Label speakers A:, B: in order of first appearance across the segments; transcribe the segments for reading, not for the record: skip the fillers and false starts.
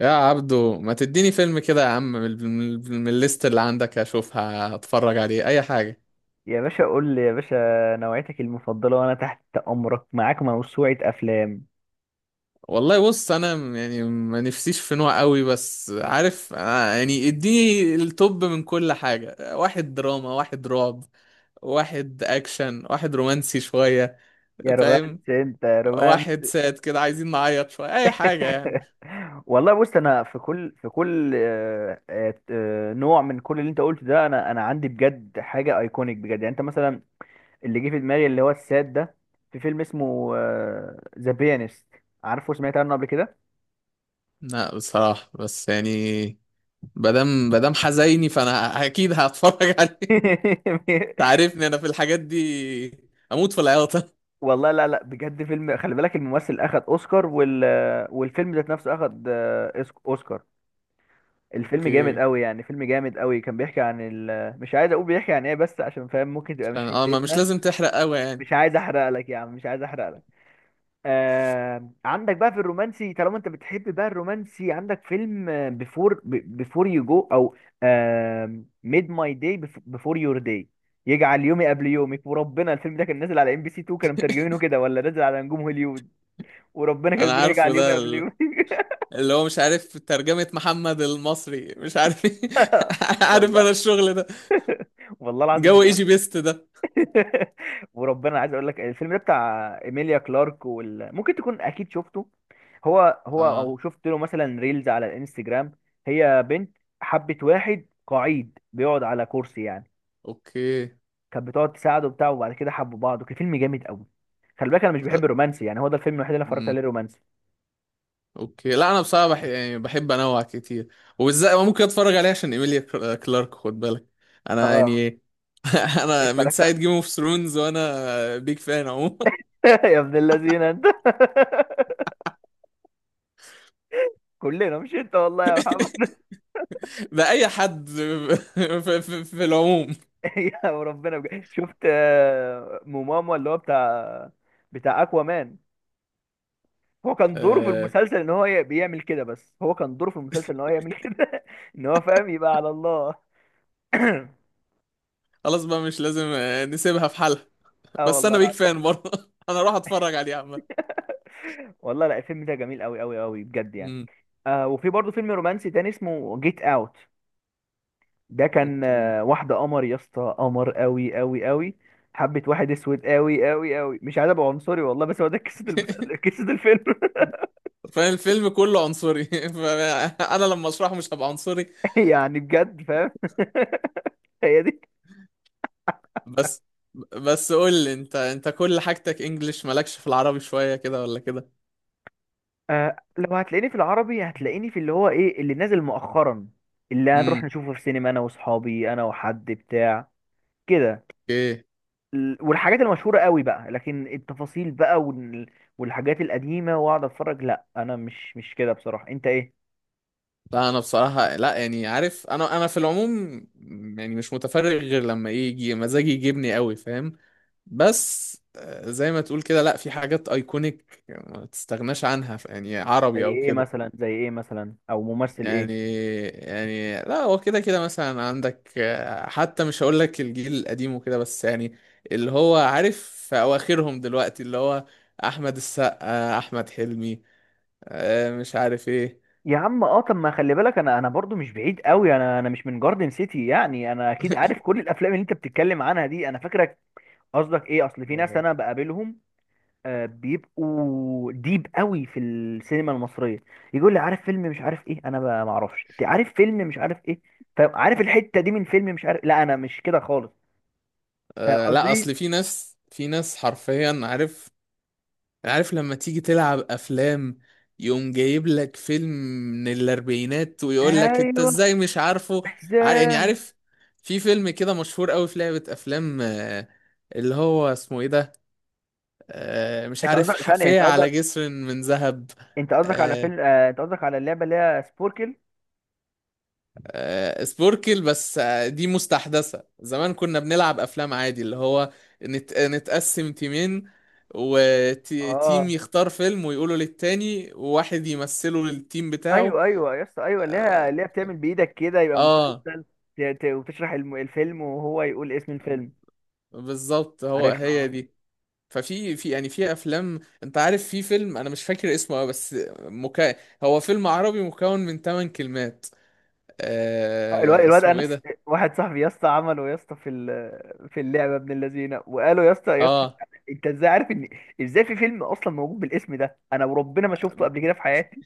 A: يا عبدو ما تديني فيلم كده يا عم من الليست اللي عندك اشوفها اتفرج عليه اي حاجة.
B: يا باشا قول لي يا باشا. نوعيتك المفضلة وأنا تحت أمرك، معاك موسوعة أفلام.
A: والله بص انا يعني ما نفسيش في نوع قوي، بس عارف يعني اديني التوب من كل حاجة. واحد دراما، واحد رعب، واحد اكشن، واحد رومانسي شوية،
B: يا
A: فاهم؟
B: رومانس أنت يا رومانس.
A: واحد ساد كده عايزين نعيط شوية اي حاجة يعني.
B: والله بص أنا في كل نوع من كل اللي أنت قلته ده، أنا عندي بجد حاجة أيكونيك بجد. يعني أنت مثلا اللي جه في دماغي اللي هو الساد ده، في فيلم اسمه ذا بيانست. عارفه؟ سمعت عنه قبل كده؟
A: لا بصراحة بس يعني مادام حزيني فانا اكيد هتفرج عليه. تعرفني انا في الحاجات دي اموت في العياطه.
B: والله لا بجد، فيلم خلي بالك الممثل أخد أوسكار، وال والفيلم ذات نفسه أخد أوسكار. الفيلم جامد
A: اوكي.
B: قوي، يعني فيلم جامد قوي. كان بيحكي عن مش عايز اقول بيحكي عن ايه بس، عشان فاهم ممكن تبقى مش
A: ما مش
B: حتتنا.
A: لازم تحرق قوي يعني.
B: مش عايز احرق لك يا عم، مش عايز احرق لك. عندك بقى في الرومانسي، طالما انت بتحب بقى الرومانسي، عندك فيلم بيفور يو جو او ميد ماي داي، بيفور يور داي. يجعل يومي قبل يومك. وربنا الفيلم ده كان نازل على ام بي سي 2، كانوا مترجمينه كده ولا نازل على نجوم هوليوود، وربنا كان
A: انا
B: بيقول
A: عارفه
B: يجعل يومي
A: ده
B: قبل يومك.
A: اللي هو مش عارف ترجمة محمد المصري مش عارف إيه. عارف
B: والله،
A: انا الشغل ده.
B: والله العظيم.
A: جو ايجي بيست ده.
B: وربنا عايز اقول لك الفيلم ده بتاع ايميليا كلارك، ممكن تكون اكيد شفته. هو هو
A: اه.
B: او شفت له مثلا ريلز على الانستجرام. هي بنت حبت واحد قعيد بيقعد على كرسي يعني،
A: اوكي.
B: كانت بتقعد تساعده وبتاع، وبعد كده حبوا بعض، وكان فيلم جامد قوي. خلي بالك انا مش بحب الرومانسي، يعني هو ده الفيلم الوحيد اللي أنا اتفرجت عليه
A: امم.
B: رومانسي.
A: اوكي. لا انا بصراحه يعني بحب انوع كتير، وبالذات ممكن اتفرج عليه عشان ايميليا كلارك، خد بالك. انا
B: اه
A: يعني انا من
B: اتفرجت.
A: ساعه جيم اوف ثرونز وانا بيج فان اهو.
B: يا ابن اللذينه انت. كلنا مش انت والله يا محمد.
A: ده اي حد. في العموم.
B: يا وربنا بجد. شفت موماما اللي هو بتاع، بتاع اكوا مان. هو كان دوره في
A: آه
B: المسلسل ان هو بيعمل كده، بس هو كان دوره في المسلسل ان هو يعمل كده، ان هو فاهم، يبقى على الله.
A: خلاص بقى مش لازم، نسيبها في حالها.
B: اه
A: بس
B: والله
A: انا بيك
B: العظيم.
A: فان برضه انا اروح اتفرج عليه عامه.
B: والله لا، الفيلم ده جميل قوي قوي قوي بجد يعني.
A: امم.
B: آه وفي برضه فيلم رومانسي تاني اسمه جيت اوت. ده كان
A: اوكي.
B: آه، واحده قمر يا اسطى، قمر قوي قوي قوي. حبة واحد اسود قوي قوي قوي، مش عايز ابقى عنصري والله، بس هو ده قصة المسلسل، قصة الفيلم.
A: فاهم الفيلم كله عنصري، فانا لما اشرحه مش هبقى عنصري.
B: يعني بجد فاهم. هي دي.
A: بس بس قول لي انت، انت كل حاجتك انجليش مالكش في العربي شويه كده ولا كده؟
B: آه لو هتلاقيني في العربي هتلاقيني في اللي هو ايه، اللي نازل مؤخرا، اللي هنروح
A: امم.
B: نشوفه في سينما انا واصحابي، انا وحد بتاع كده.
A: ايه؟
B: والحاجات المشهورة قوي بقى، لكن التفاصيل بقى، والحاجات القديمة واقعد اتفرج، لا انا مش كده بصراحة. انت ايه؟
A: لا انا بصراحه لا يعني عارف، انا في العموم يعني مش متفرغ غير لما يجي مزاجي يجيبني قوي، فاهم؟ بس زي ما تقول كده، لا في حاجات ايكونيك ما تستغناش عنها، يعني
B: زي
A: عربي او
B: ايه
A: كده.
B: مثلا؟ زي ايه مثلا او ممثل
A: يعني
B: ايه؟
A: يعني لا هو كده كده، مثلا عندك حتى مش هقول لك الجيل القديم وكده بس يعني اللي هو عارف في اواخرهم دلوقتي اللي هو احمد السقا، احمد حلمي، مش عارف ايه.
B: يا عم اه، طب ما خلي بالك انا، انا برضو مش بعيد قوي، انا انا مش من جاردن سيتي، يعني انا اكيد عارف كل الافلام اللي انت بتتكلم عنها دي، انا فاكرك. قصدك ايه؟ اصل في ناس
A: آه.
B: انا بقابلهم، بيبقوا ديب قوي في السينما المصريه، يقول لي عارف فيلم مش عارف ايه، انا ما اعرفش. انت عارف فيلم مش عارف ايه، فعارف الحته دي من فيلم مش عارف. لا انا مش كده خالص. فاهم
A: لا
B: قصدي؟
A: اصل في ناس، في ناس حرفيا عارف. عارف لما تيجي تلعب افلام يقوم جايب لك فيلم من الاربعينات ويقول لك انت
B: ايوه.
A: ازاي مش عارفه. يعني
B: ازاي؟
A: عارف في فيلم كده مشهور قوي في لعبة افلام، اللي هو اسمه ايه ده؟ مش
B: انت
A: عارف،
B: قصدك ثانيه،
A: حافية
B: انت قصدك،
A: على جسر من ذهب.
B: انت قصدك على
A: آه،
B: فيلم، انت قصدك على اللعبه اللي هي سبوركل.
A: سبوركل. بس دي مستحدثة، زمان كنا بنلعب أفلام عادي اللي هو نتقسم تيمين وتيم
B: اه
A: يختار فيلم ويقوله للتاني، وواحد يمثله للتيم بتاعه.
B: ايوه ايوه يا اسطى، ايوه اللي هي،
A: اه.
B: اللي هي بتعمل بايدك كده يبقى
A: آه،
B: مسلسل، وتشرح الفيلم وهو يقول اسم الفيلم.
A: بالظبط، هو
B: عارفها
A: هي
B: اه.
A: دي. في يعني في افلام، انت عارف في فيلم انا مش فاكر اسمه أوي، بس هو فيلم عربي مكون من 8 كلمات.
B: الواد
A: آه...
B: الواد
A: اسمه ايه
B: انس.
A: ده؟
B: واحد صاحبي يا اسطى عمله يا اسطى في في اللعبه ابن اللذينه، وقالوا يا اسطى يا اسطى،
A: اه.
B: انت ازاي عارف ان، ازاي في فيلم اصلا موجود بالاسم ده، انا وربنا ما شفته قبل كده في حياتي.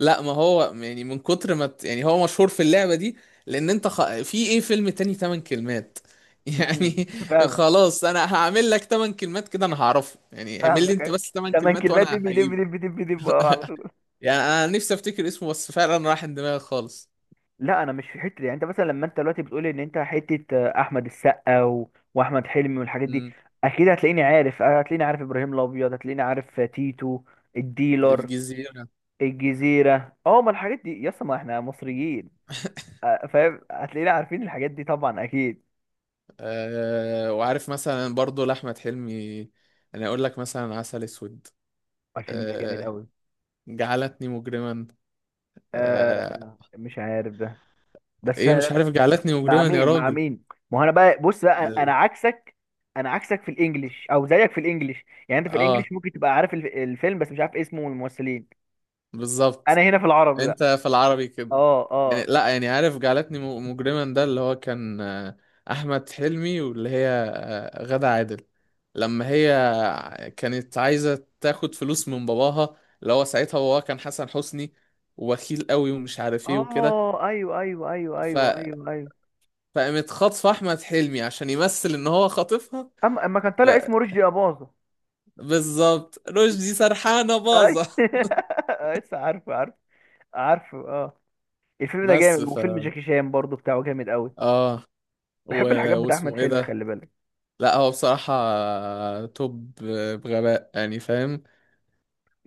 A: لا ما هو يعني من كتر ما يعني هو مشهور في اللعبة دي، لأن أنت في إيه فيلم تاني تمن كلمات
B: مم.
A: يعني.
B: فاهمك.
A: خلاص أنا هعمل لك تمن كلمات كده أنا هعرفه. يعني اعمل لي
B: فاهمك
A: أنت
B: أيوة.
A: بس تمن
B: تمن
A: كلمات
B: كلمات،
A: وأنا
B: دب دب
A: هجيبه.
B: دب دب دب، اه على طول.
A: يعني أنا نفسي أفتكر اسمه بس فعلا راح من دماغي خالص.
B: لا انا مش في حته دي. يعني انت مثلا لما انت دلوقتي بتقول ان انت حته احمد السقا واحمد حلمي والحاجات دي،
A: مم.
B: اكيد هتلاقيني عارف، هتلاقيني عارف ابراهيم الابيض، هتلاقيني عارف تيتو الديلر،
A: الجزيرة.
B: الجزيرة. اه ما الحاجات دي يا اسطى، ما احنا مصريين، فاهم، هتلاقينا عارفين الحاجات دي طبعا اكيد.
A: أه، وعارف مثلا برضو لأحمد حلمي. أنا أقول لك مثلا عسل أسود.
B: الفيلم ده جامد
A: أه،
B: قوي.
A: جعلتني مجرما.
B: آه
A: أه.
B: مش عارف ده، بس
A: إيه
B: أنا،
A: مش عارف جعلتني
B: مع
A: مجرما يا
B: مين؟ مع
A: راجل.
B: مين؟ ما هو انا بقى بص بقى، انا عكسك. انا عكسك في الانجليش او زيك في الانجليش، يعني انت في
A: اه،
B: الانجليش ممكن تبقى عارف الفيلم بس مش عارف اسمه والممثلين.
A: بالظبط.
B: انا هنا في العربي بقى.
A: انت في العربي كده
B: اه اه
A: يعني. لا يعني عارف جعلتني مجرما ده اللي هو كان احمد حلمي واللي هي غادة عادل، لما هي كانت عايزه تاخد فلوس من باباها، اللي هو ساعتها باباها كان حسن حسني، وبخيل قوي ومش عارف ايه وكده.
B: اه ايوه ايوه ايوه
A: ف...
B: ايوه ايوه ايوه.
A: فقامت خاطفه احمد حلمي عشان يمثل ان هو خاطفها.
B: اما كان
A: ف...
B: طالع اسمه رشدي اباظة.
A: بالظبط، رشدي سرحانه باظه.
B: أي- لسه عارفه، عارفه، عارفه اه. الفيلم ده
A: بس
B: جامد.
A: ف
B: وفيلم جاكي شان برضو بتاعه جامد قوي.
A: اه و...
B: بحب الحاجات بتاع احمد
A: واسمه ايه
B: حلمي
A: ده؟
B: خلي بالك.
A: لا هو بصراحة توب، بغباء يعني، فاهم؟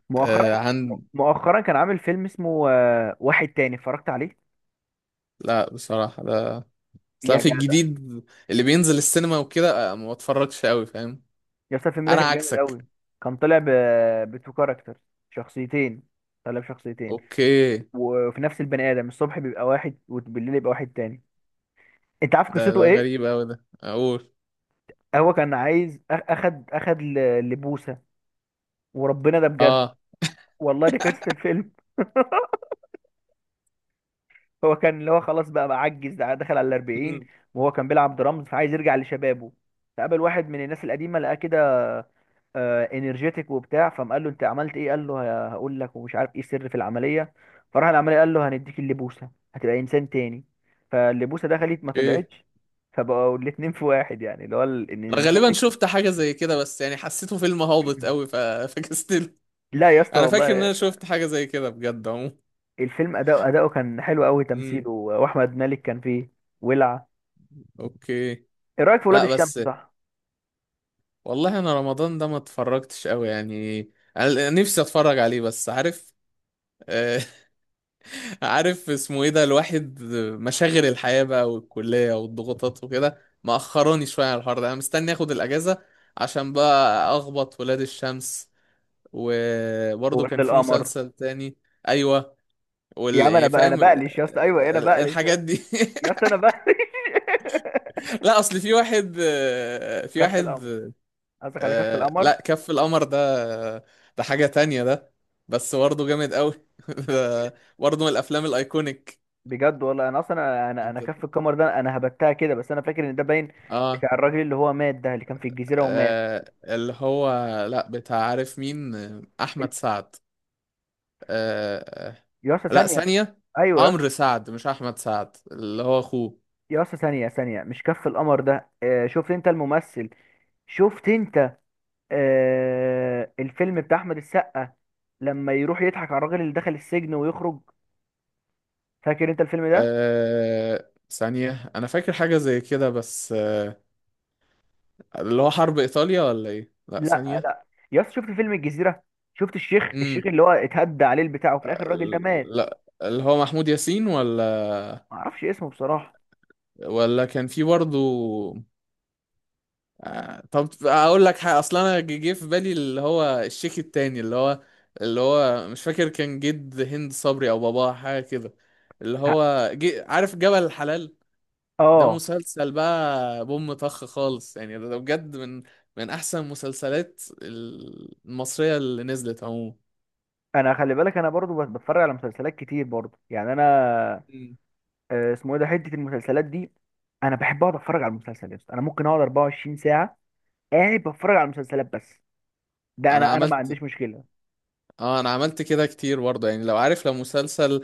B: مؤخرا،
A: آه عن.
B: مؤخرا كان عامل فيلم اسمه واحد تاني اتفرجت عليه.
A: لا بصراحة ده اصلا
B: يا
A: في
B: جدع
A: الجديد اللي بينزل السينما وكده، ما بتفرجش قوي فاهم.
B: يا اسطى الفيلم ده
A: انا
B: كان جامد قوي.
A: عكسك.
B: كان طالع ب، بتو كاركتر، شخصيتين، طالع بشخصيتين،
A: اوكي.
B: وفي نفس البني ادم الصبح بيبقى واحد وبالليل يبقى واحد تاني. انت عارف
A: ده
B: قصته
A: ده
B: ايه؟
A: غريب قوي ده، اقول
B: هو كان عايز اخد اخد لبوسه. وربنا ده بجد،
A: اه.
B: والله دي قصه الفيلم. هو كان اللي هو خلاص بقى، بقى عجز، دخل على الأربعين،
A: مم.
B: وهو كان بيلعب درامز، فعايز يرجع لشبابه. فقابل واحد من الناس القديمة لقاه كده، انرجيتك وبتاع. فقام قال له انت عملت ايه، قال له هقول لك، ومش عارف ايه السر في العملية. فراح العملية قال له هنديك اللبوسة هتبقى انسان تاني. فاللبوسة دخلت ما
A: اوكي.
B: طلعتش، فبقوا الاتنين في واحد يعني، اللي هو
A: أنا غالبا
B: الانرجيتك.
A: شفت حاجة زي كده، بس يعني حسيته فيلم هابط قوي، فكستله.
B: لا يا اسطى
A: انا فاكر ان
B: والله،
A: انا شفت حاجة زي كده بجد عموما.
B: الفيلم اداؤه، اداؤه كان حلو قوي،
A: مم.
B: تمثيله، واحمد مالك كان فيه ولع.
A: اوكي.
B: ايه رايك في ولاد
A: لا
B: الشمس؟
A: بس
B: صح.
A: والله انا رمضان ده ما اتفرجتش قوي يعني. انا نفسي اتفرج عليه، بس عارف آه، عارف اسمه ايه ده الواحد، مشاغل الحياة بقى والكلية والضغوطات وكده مأخراني شوية على الحوار ده. انا مستني اخد الاجازة عشان بقى اخبط ولاد الشمس. وبرضه
B: وولاد
A: كان في
B: القمر.
A: مسلسل تاني. ايوه.
B: يا عم انا
A: يعني
B: بقى، انا
A: فاهم
B: بقلش يا اسطى، ايوه انا بقلش يا
A: الحاجات
B: اسطى،
A: دي.
B: يا اسطى انا بقلش.
A: لا اصل في واحد، في
B: كف
A: واحد.
B: القمر، قصدك على كف
A: آه
B: القمر.
A: لا كف القمر ده، ده حاجة تانية ده، بس برضه جامد قوي. ده برضه من الافلام الايكونيك.
B: بجد والله انا اصلا، انا
A: انت
B: انا كف القمر ده انا هبتها كده، بس انا فاكر ان ده باين
A: آه,
B: بتاع الراجل اللي هو مات ده، اللي كان في الجزيره ومات.
A: اه اللي هو، لا بتاع عارف مين
B: ال-
A: احمد سعد. آه. آه،
B: يا اسطى
A: لا
B: ثانيه.
A: ثانية،
B: ايوه يا اسطى.
A: عمرو سعد مش احمد سعد اللي هو اخوه.
B: يا اسطى ثانيه، ثانيه، مش كف القمر ده. آه شفت انت الممثل، شفت انت، آه الفيلم بتاع احمد السقا، لما يروح يضحك على الراجل اللي دخل السجن ويخرج. فاكر انت الفيلم ده؟
A: آه ثانية انا فاكر حاجة زي كده بس آه اللي هو حرب ايطاليا ولا ايه، لا
B: لا
A: ثانية.
B: لا. يا اسطى شفت فيلم الجزيره؟ شفت الشيخ،
A: امم.
B: الشيخ اللي هو اتهدى عليه البتاع، وفي الاخر الراجل ده مات.
A: لا اللي هو محمود ياسين ولا
B: ما اعرفش اسمه بصراحه.
A: ولا كان في برضه. طب اقول لك حاجه، اصلا انا جه في بالي اللي هو الشيك التاني اللي هو، اللي هو مش فاكر كان جد هند صبري او باباه حاجه كده، اللي
B: ه-
A: هو عارف جبل الحلال. ده
B: اه.
A: مسلسل بقى بوم طخ خالص يعني، ده ده بجد من من احسن المسلسلات المصريه اللي نزلت عموما.
B: انا خلي بالك انا برضو بتفرج على مسلسلات كتير برضو يعني انا،
A: مم.
B: اسمه ايه ده حته المسلسلات دي. انا بحب اقعد اتفرج على المسلسل يا اسطى، انا ممكن اقعد 24 ساعه قاعد بتفرج على المسلسلات بس. ده
A: انا
B: انا، انا ما
A: عملت
B: عنديش مشكله.
A: اه، انا عملت كده كتير برضه، يعني لو عارف لو مسلسل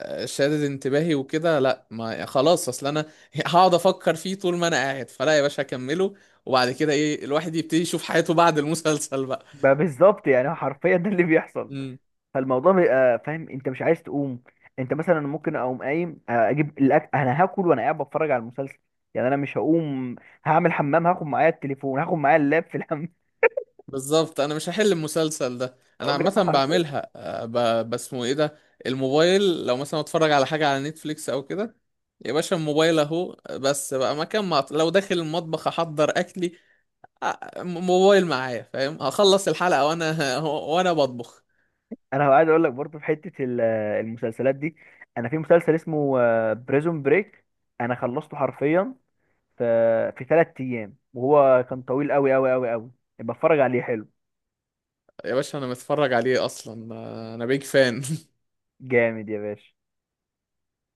A: شادد انتباهي وكده لا ما يعني خلاص اصل انا هقعد افكر فيه طول ما انا قاعد، فلا يا باشا اكمله، وبعد كده ايه الواحد يبتدي يشوف حياته بعد المسلسل بقى.
B: بالظبط يعني، حرفيا ده اللي بيحصل.
A: امم.
B: فالموضوع بيبقى فاهم انت مش عايز تقوم. انت مثلا ممكن اقوم قايم اجيب الاكل انا هاكل وانا قاعد بتفرج على المسلسل. يعني انا مش هقوم، هعمل حمام هاخد معايا التليفون، هاخد معايا اللاب في الحمام.
A: بالظبط، انا مش هحل المسلسل ده، انا عامه
B: حرفيا.
A: بعملها بسمه ايه ده. الموبايل لو مثلا اتفرج على حاجه على نتفليكس او كده، يا باشا الموبايل اهو. بس بقى مكان ما لو داخل المطبخ احضر اكلي، موبايل معايا، فاهم هخلص الحلقه وانا وانا بطبخ.
B: انا عايز اقول لك برضه في حته المسلسلات دي، انا في مسلسل اسمه بريزون بريك، انا خلصته حرفيا في في 3 ايام، وهو كان طويل قوي قوي قوي قوي. بتفرج عليه، حلو.
A: يا باشا انا متفرج عليه اصلا. انا بيج فان.
B: جامد يا باشا.